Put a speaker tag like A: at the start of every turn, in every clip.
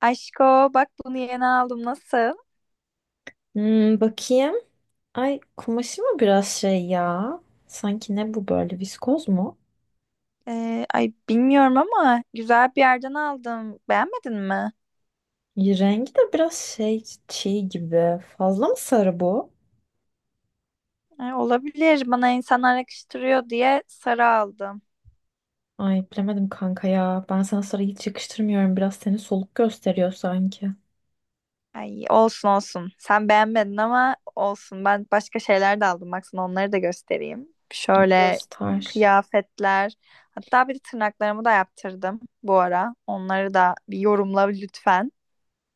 A: Aşko, bak bunu yeni aldım, nasıl?
B: Hmm, bakayım. Ay, kumaşı mı biraz şey ya? Sanki ne bu böyle viskoz mu?
A: Ay, bilmiyorum ama güzel bir yerden aldım. Beğenmedin mi?
B: Rengi de biraz şey çiğ gibi. Fazla mı sarı bu?
A: Ay, olabilir, bana insanlar yakıştırıyor diye sarı aldım.
B: Ay, bilemedim kanka ya. Ben sana sarı hiç yakıştırmıyorum. Biraz seni soluk gösteriyor sanki.
A: Ay, olsun olsun. Sen beğenmedin ama olsun. Ben başka şeyler de aldım. Bak, sana onları da göstereyim. Şöyle
B: Göster.
A: kıyafetler. Hatta bir de tırnaklarımı da yaptırdım bu ara. Onları da bir yorumla lütfen.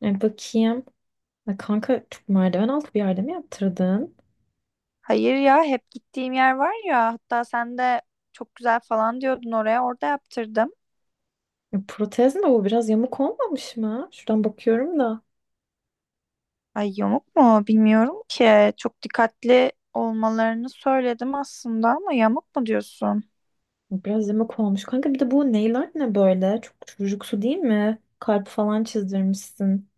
B: Bakayım. Ay, kanka çok merdiven altı bir yerde mi yaptırdın?
A: Hayır ya, hep gittiğim yer var ya, hatta sen de çok güzel falan diyordun oraya, orada yaptırdım.
B: Protez mi bu? Biraz yamuk olmamış mı? Şuradan bakıyorum da.
A: Ay, yamuk mu bilmiyorum ki, çok dikkatli olmalarını söyledim aslında ama yamuk mu diyorsun?
B: Biraz yemek olmuş. Kanka bir de bu nail art ne böyle? Çok çocuksu değil mi? Kalp falan çizdirmişsin.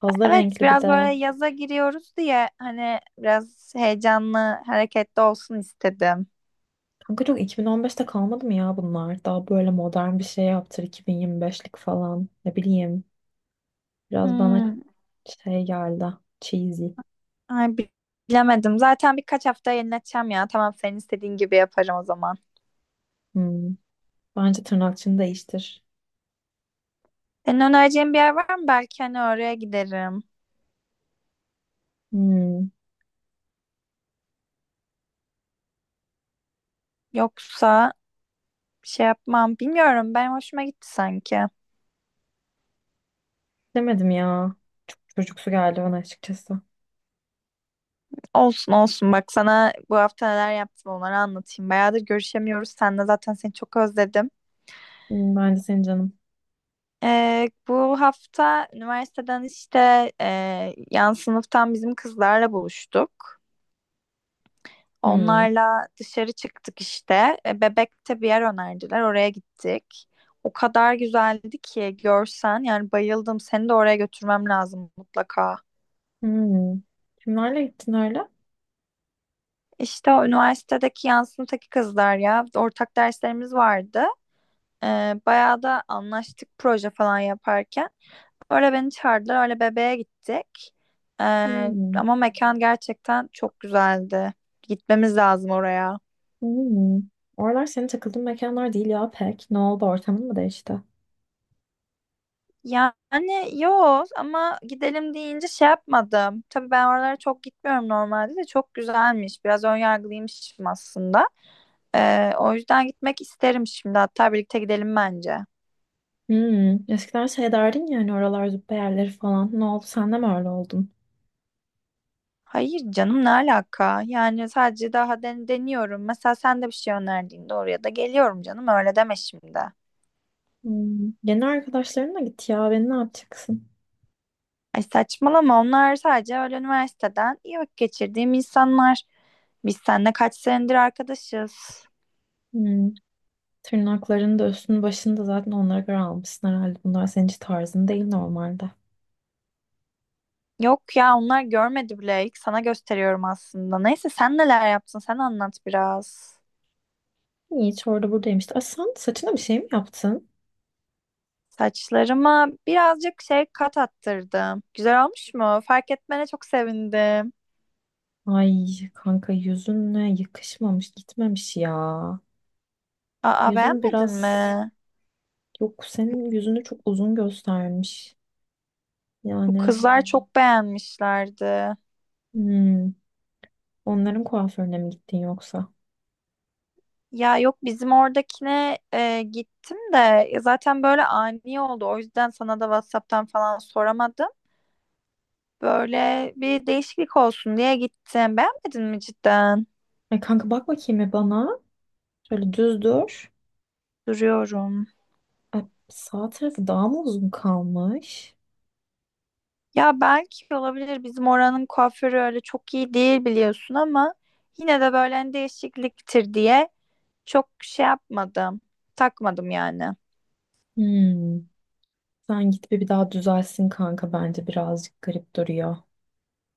B: Fazla
A: Evet,
B: renkli bir
A: biraz
B: de.
A: böyle yaza giriyoruz diye hani biraz heyecanlı hareketli olsun istedim.
B: Kanka çok 2015'te kalmadı mı ya bunlar? Daha böyle modern bir şey yaptır 2025'lik falan. Ne bileyim. Biraz bana
A: Hmm,
B: şey geldi. Cheesy.
A: ay bi- bilemedim, zaten birkaç hafta yenileteceğim ya, tamam, senin istediğin gibi yaparım o zaman.
B: Hmm. Bence tırnakçını değiştir.
A: Senin önereceğin bir yer var mı? Belki hani oraya giderim.
B: Hmm.
A: Yoksa bir şey yapmam. Bilmiyorum. Benim hoşuma gitti sanki.
B: Demedim ya. Çocuksu geldi bana açıkçası.
A: Olsun olsun. Bak sana bu hafta neler yaptım, onları anlatayım. Bayağıdır görüşemiyoruz. Sen de zaten, seni çok özledim.
B: Hmm, ben de senin canım.
A: Bu hafta üniversiteden, işte yan sınıftan bizim kızlarla buluştuk.
B: Hmm.
A: Onlarla dışarı çıktık işte. E, Bebek'te bir yer önerdiler. Oraya gittik. O kadar güzeldi ki, görsen, yani bayıldım. Seni de oraya götürmem lazım mutlaka.
B: Hmm. Kimlerle gittin öyle?
A: İşte o üniversitedeki yansımadaki kızlar ya. Ortak derslerimiz vardı. Ee, Bayağı da anlaştık proje falan yaparken. Öyle beni çağırdılar. Öyle bebeğe gittik.
B: Hmm.
A: Ama mekan gerçekten çok güzeldi. Gitmemiz lazım oraya.
B: Hmm. Oralar senin takıldığın mekanlar değil ya pek. Ne oldu, ortamın mı değişti?
A: Yani yok, ama gidelim deyince şey yapmadım. Tabii ben oralara çok gitmiyorum normalde, de çok güzelmiş. Biraz önyargılıymışım aslında. O yüzden gitmek isterim şimdi. Hatta birlikte gidelim bence.
B: Hmm. Eskiden şey derdin ya hani, oralar züppe yerleri falan. Ne oldu, sen de mi öyle oldun?
A: Hayır canım, ne alaka? Yani sadece daha deniyorum. Mesela sen de bir şey önerdiğinde oraya da geliyorum canım. Öyle deme şimdi.
B: Hmm. Yeni arkadaşlarınla git ya, beni ne yapacaksın?
A: Ay saçmalama, onlar sadece öyle üniversiteden iyi vakit geçirdiğim insanlar. Biz seninle kaç senedir arkadaşız.
B: Hmm. Tırnaklarını da üstünü başını da zaten onlara göre almışsın herhalde. Bunlar senin hiç tarzın değil normalde.
A: Yok ya, onlar görmedi bile. İlk sana gösteriyorum aslında. Neyse, sen neler yaptın, sen anlat biraz.
B: Hiç orada buradayım işte. Ay, sen saçına bir şey mi yaptın?
A: Saçlarıma birazcık şey kat attırdım. Güzel olmuş mu? Fark etmene çok sevindim.
B: Ay kanka, yüzünle yakışmamış, gitmemiş ya.
A: Aa,
B: Yüzün
A: beğenmedin
B: biraz,
A: mi?
B: yok senin yüzünü çok uzun göstermiş.
A: Bu
B: Yani
A: kızlar çok beğenmişlerdi.
B: hmm, onların kuaförüne mi gittin yoksa?
A: Ya yok, bizim oradakine gittim de, ya zaten böyle ani oldu. O yüzden sana da WhatsApp'tan falan soramadım. Böyle bir değişiklik olsun diye gittim. Beğenmedin mi cidden?
B: Ay kanka, bak bakayım bir bana. Şöyle düz dur.
A: Duruyorum.
B: Ay, sağ tarafı daha mı uzun kalmış?
A: Ya belki olabilir. Bizim oranın kuaförü öyle çok iyi değil, biliyorsun, ama yine de böyle hani değişikliktir diye çok şey yapmadım. Takmadım yani.
B: Hmm, sen git bir daha düzelsin kanka, bence birazcık garip duruyor.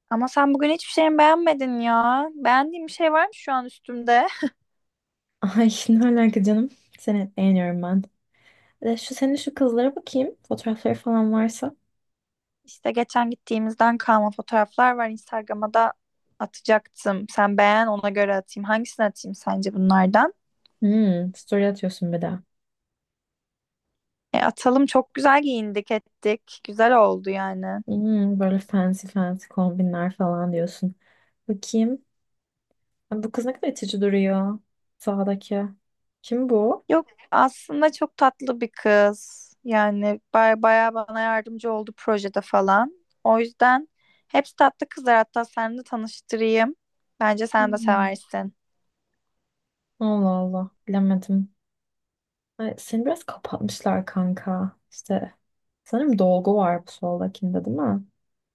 A: Ama sen bugün hiçbir şeyimi beğenmedin ya. Beğendiğim bir şey var mı şu an üstümde?
B: Ay ne alaka canım. Seni beğeniyorum ben. Şu senin şu kızlara bakayım. Fotoğrafları falan varsa.
A: İşte geçen gittiğimizden kalma fotoğraflar var. Instagram'a da atacaktım. Sen beğen, ona göre atayım. Hangisini atayım sence bunlardan?
B: Hmm, story atıyorsun bir de.
A: E, atalım, çok güzel giyindik ettik. Güzel oldu yani.
B: Hmm, böyle fancy fancy kombinler falan diyorsun. Bakayım. Ay, bu kız ne kadar itici duruyor. Sağdaki. Kim bu?
A: Yok, aslında çok tatlı bir kız. Yani baya bana yardımcı oldu projede falan. O yüzden hepsi tatlı kızlar. Hatta sen de tanıştırayım. Bence sen de
B: Hmm.
A: seversin.
B: Allah Allah. Bilemedim. Ay, seni biraz kapatmışlar kanka. İşte sanırım dolgu var bu soldakinde, değil mi?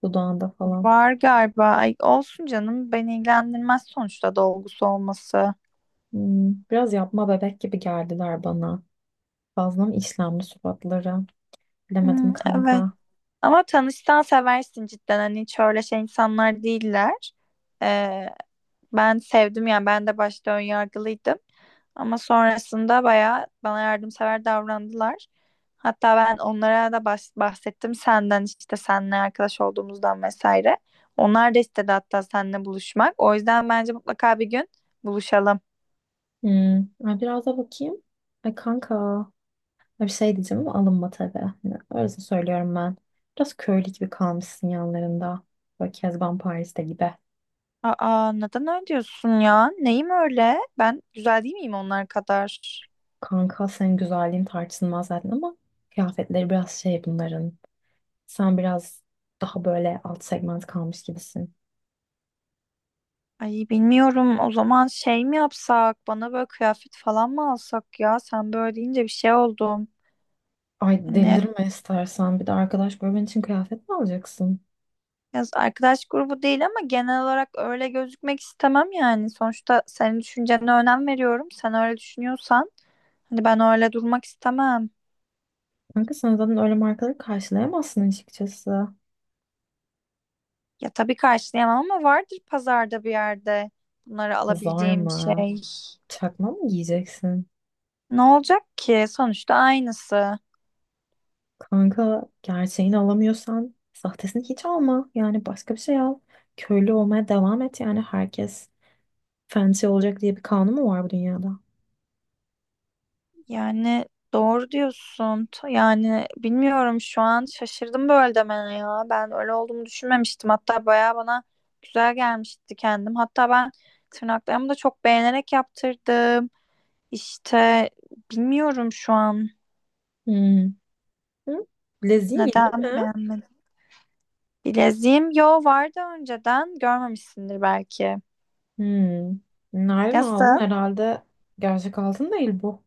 B: Dudağında falan.
A: Var galiba. Ay, olsun canım. Beni ilgilendirmez sonuçta dolgusu olması.
B: Hmm, biraz yapma bebek gibi geldiler bana. Fazla mı işlemli suratları?
A: Hmm,
B: Bilemedim
A: evet.
B: kanka.
A: Ama tanışsan seversin cidden, hani hiç öyle şey insanlar değiller. Ee, Ben sevdim yani, ben de başta ön yargılıydım. Ama sonrasında bayağı bana yardımsever davrandılar. Hatta ben onlara da bahsettim senden, işte seninle arkadaş olduğumuzdan vesaire. Onlar da istedi hatta seninle buluşmak. O yüzden bence mutlaka bir gün buluşalım.
B: Hmm. Ay, biraz da bakayım. Ay kanka. Ay, bir şey diyeceğim ama alınma tabii. Hani öylesine söylüyorum ben. Biraz köylü gibi kalmışsın yanlarında. Böyle Kezban Paris'te gibi.
A: Aa, neden öyle diyorsun ya? Neyim öyle? Ben güzel değil miyim onlar kadar?
B: Kanka senin güzelliğin tartışılmaz zaten ama kıyafetleri biraz şey bunların. Sen biraz daha böyle alt segment kalmış gibisin.
A: Ay bilmiyorum, o zaman şey mi yapsak, bana böyle kıyafet falan mı alsak, ya sen böyle deyince bir şey oldum.
B: Ay,
A: Hani
B: delirme istersen. Bir de arkadaş bölmen için kıyafet mi alacaksın?
A: biraz arkadaş grubu değil ama genel olarak öyle gözükmek istemem yani. Sonuçta senin düşüncene önem veriyorum. Sen öyle düşünüyorsan hani ben öyle durmak istemem.
B: Kanka sen zaten öyle markaları karşılayamazsın açıkçası.
A: Ya tabii karşılayamam ama vardır pazarda bir yerde bunları
B: Hazar
A: alabileceğim bir
B: mı?
A: şey.
B: Çakma mı giyeceksin?
A: Ne olacak ki? Sonuçta aynısı.
B: Kanka, gerçeğini alamıyorsan sahtesini hiç alma. Yani başka bir şey al. Köylü olmaya devam et. Yani herkes fancy olacak diye bir kanun mu var bu dünyada?
A: Yani doğru diyorsun. Yani bilmiyorum, şu an şaşırdım böyle demene ya. Ben öyle olduğumu düşünmemiştim. Hatta bayağı bana güzel gelmişti kendim. Hatta ben tırnaklarımı da çok beğenerek yaptırdım. İşte bilmiyorum şu an
B: Hmm. Hı? Leziğin yeni
A: neden
B: mi?
A: beğenmedim. Bileziğim yo vardı önceden, görmemişsindir belki.
B: Hmm. Nereden aldın?
A: Nasıl?
B: Herhalde gerçek altın değil bu.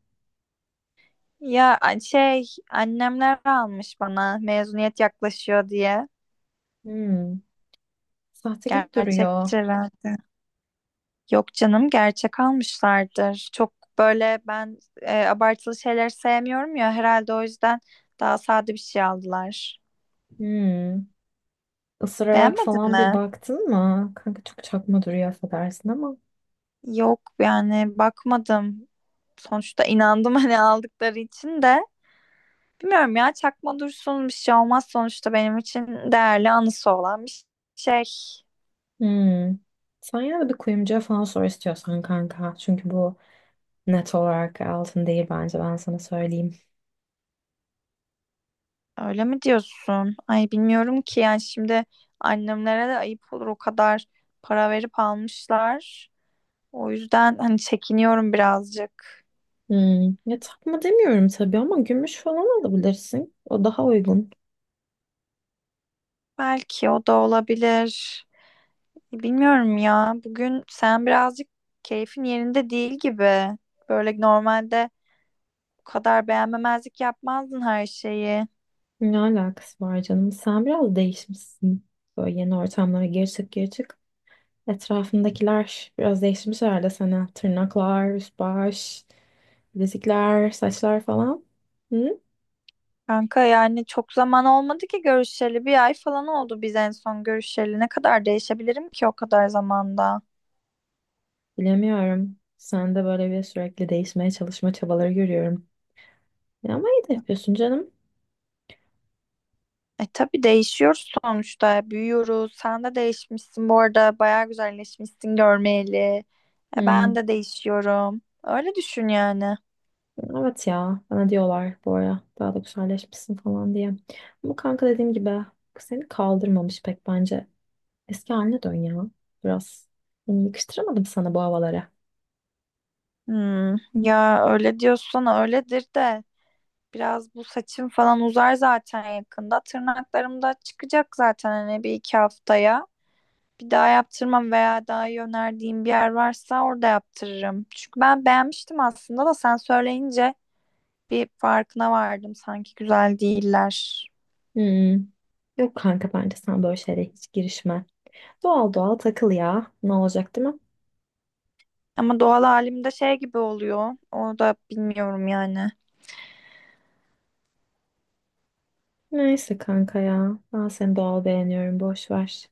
A: Şey, annemler almış bana, mezuniyet yaklaşıyor diye.
B: Hmm. Sahte gibi duruyor.
A: Gerçektir herhalde. Yok canım, gerçek almışlardır. Çok böyle ben abartılı şeyler sevmiyorum ya, herhalde o yüzden daha sade bir şey aldılar.
B: Hmm. Isırarak
A: Beğenmedin
B: falan bir
A: mi?
B: baktın mı? Kanka çok çakma duruyor, affedersin ama.
A: Yok, yani bakmadım. Sonuçta inandım hani aldıkları için de. Bilmiyorum ya, çakma dursun, bir şey olmaz, sonuçta benim için değerli anısı olan bir şey.
B: Hmm. Sen yine de bir kuyumcuya falan sor istiyorsan kanka. Çünkü bu net olarak altın değil bence, ben sana söyleyeyim.
A: Öyle mi diyorsun? Ay bilmiyorum ki, yani şimdi annemlere de ayıp olur, o kadar para verip almışlar. O yüzden hani çekiniyorum birazcık.
B: Hmm. Ya takma demiyorum tabii ama gümüş falan alabilirsin. O daha uygun.
A: Belki o da olabilir. Bilmiyorum ya. Bugün sen birazcık keyfin yerinde değil gibi. Böyle normalde bu kadar beğenmemezlik yapmazdın her şeyi.
B: Ne alakası var canım? Sen biraz değişmişsin. Böyle yeni ortamlara geri çık geri çık. Etrafındakiler biraz değişmiş herhalde sana. Tırnaklar, üst baş, bilezikler, saçlar falan.
A: Kanka yani çok zaman olmadı ki görüşeli. Bir ay falan oldu biz en son görüşeli. Ne kadar değişebilirim ki o kadar zamanda?
B: Bilemiyorum. Sen de böyle bir sürekli değişmeye çalışma çabaları görüyorum. Ya ama iyi de yapıyorsun canım.
A: E tabii değişiyoruz sonuçta. Büyüyoruz. Sen de değişmişsin bu arada. Bayağı güzelleşmişsin görmeyeli. E ben
B: Hmm.
A: de değişiyorum. Öyle düşün yani.
B: Evet ya. Bana diyorlar bu ara daha da güzelleşmişsin falan diye. Ama kanka dediğim gibi, seni kaldırmamış pek bence. Eski haline dön ya. Biraz. Yani yakıştıramadım sana bu havalara.
A: Hmm, ya öyle diyorsan öyledir de. Biraz bu saçım falan uzar zaten yakında. Tırnaklarım da çıkacak zaten hani bir iki haftaya. Bir daha yaptırmam veya daha iyi önerdiğim bir yer varsa orada yaptırırım. Çünkü ben beğenmiştim aslında da sen söyleyince bir farkına vardım. Sanki güzel değiller.
B: Hmm. Yok kanka, bence sen böyle şeylere hiç girişme. Doğal doğal takıl ya. Ne olacak, değil mi?
A: Ama doğal halimde şey gibi oluyor. O da bilmiyorum yani.
B: Neyse kanka ya. Ben seni doğal beğeniyorum. Boş ver.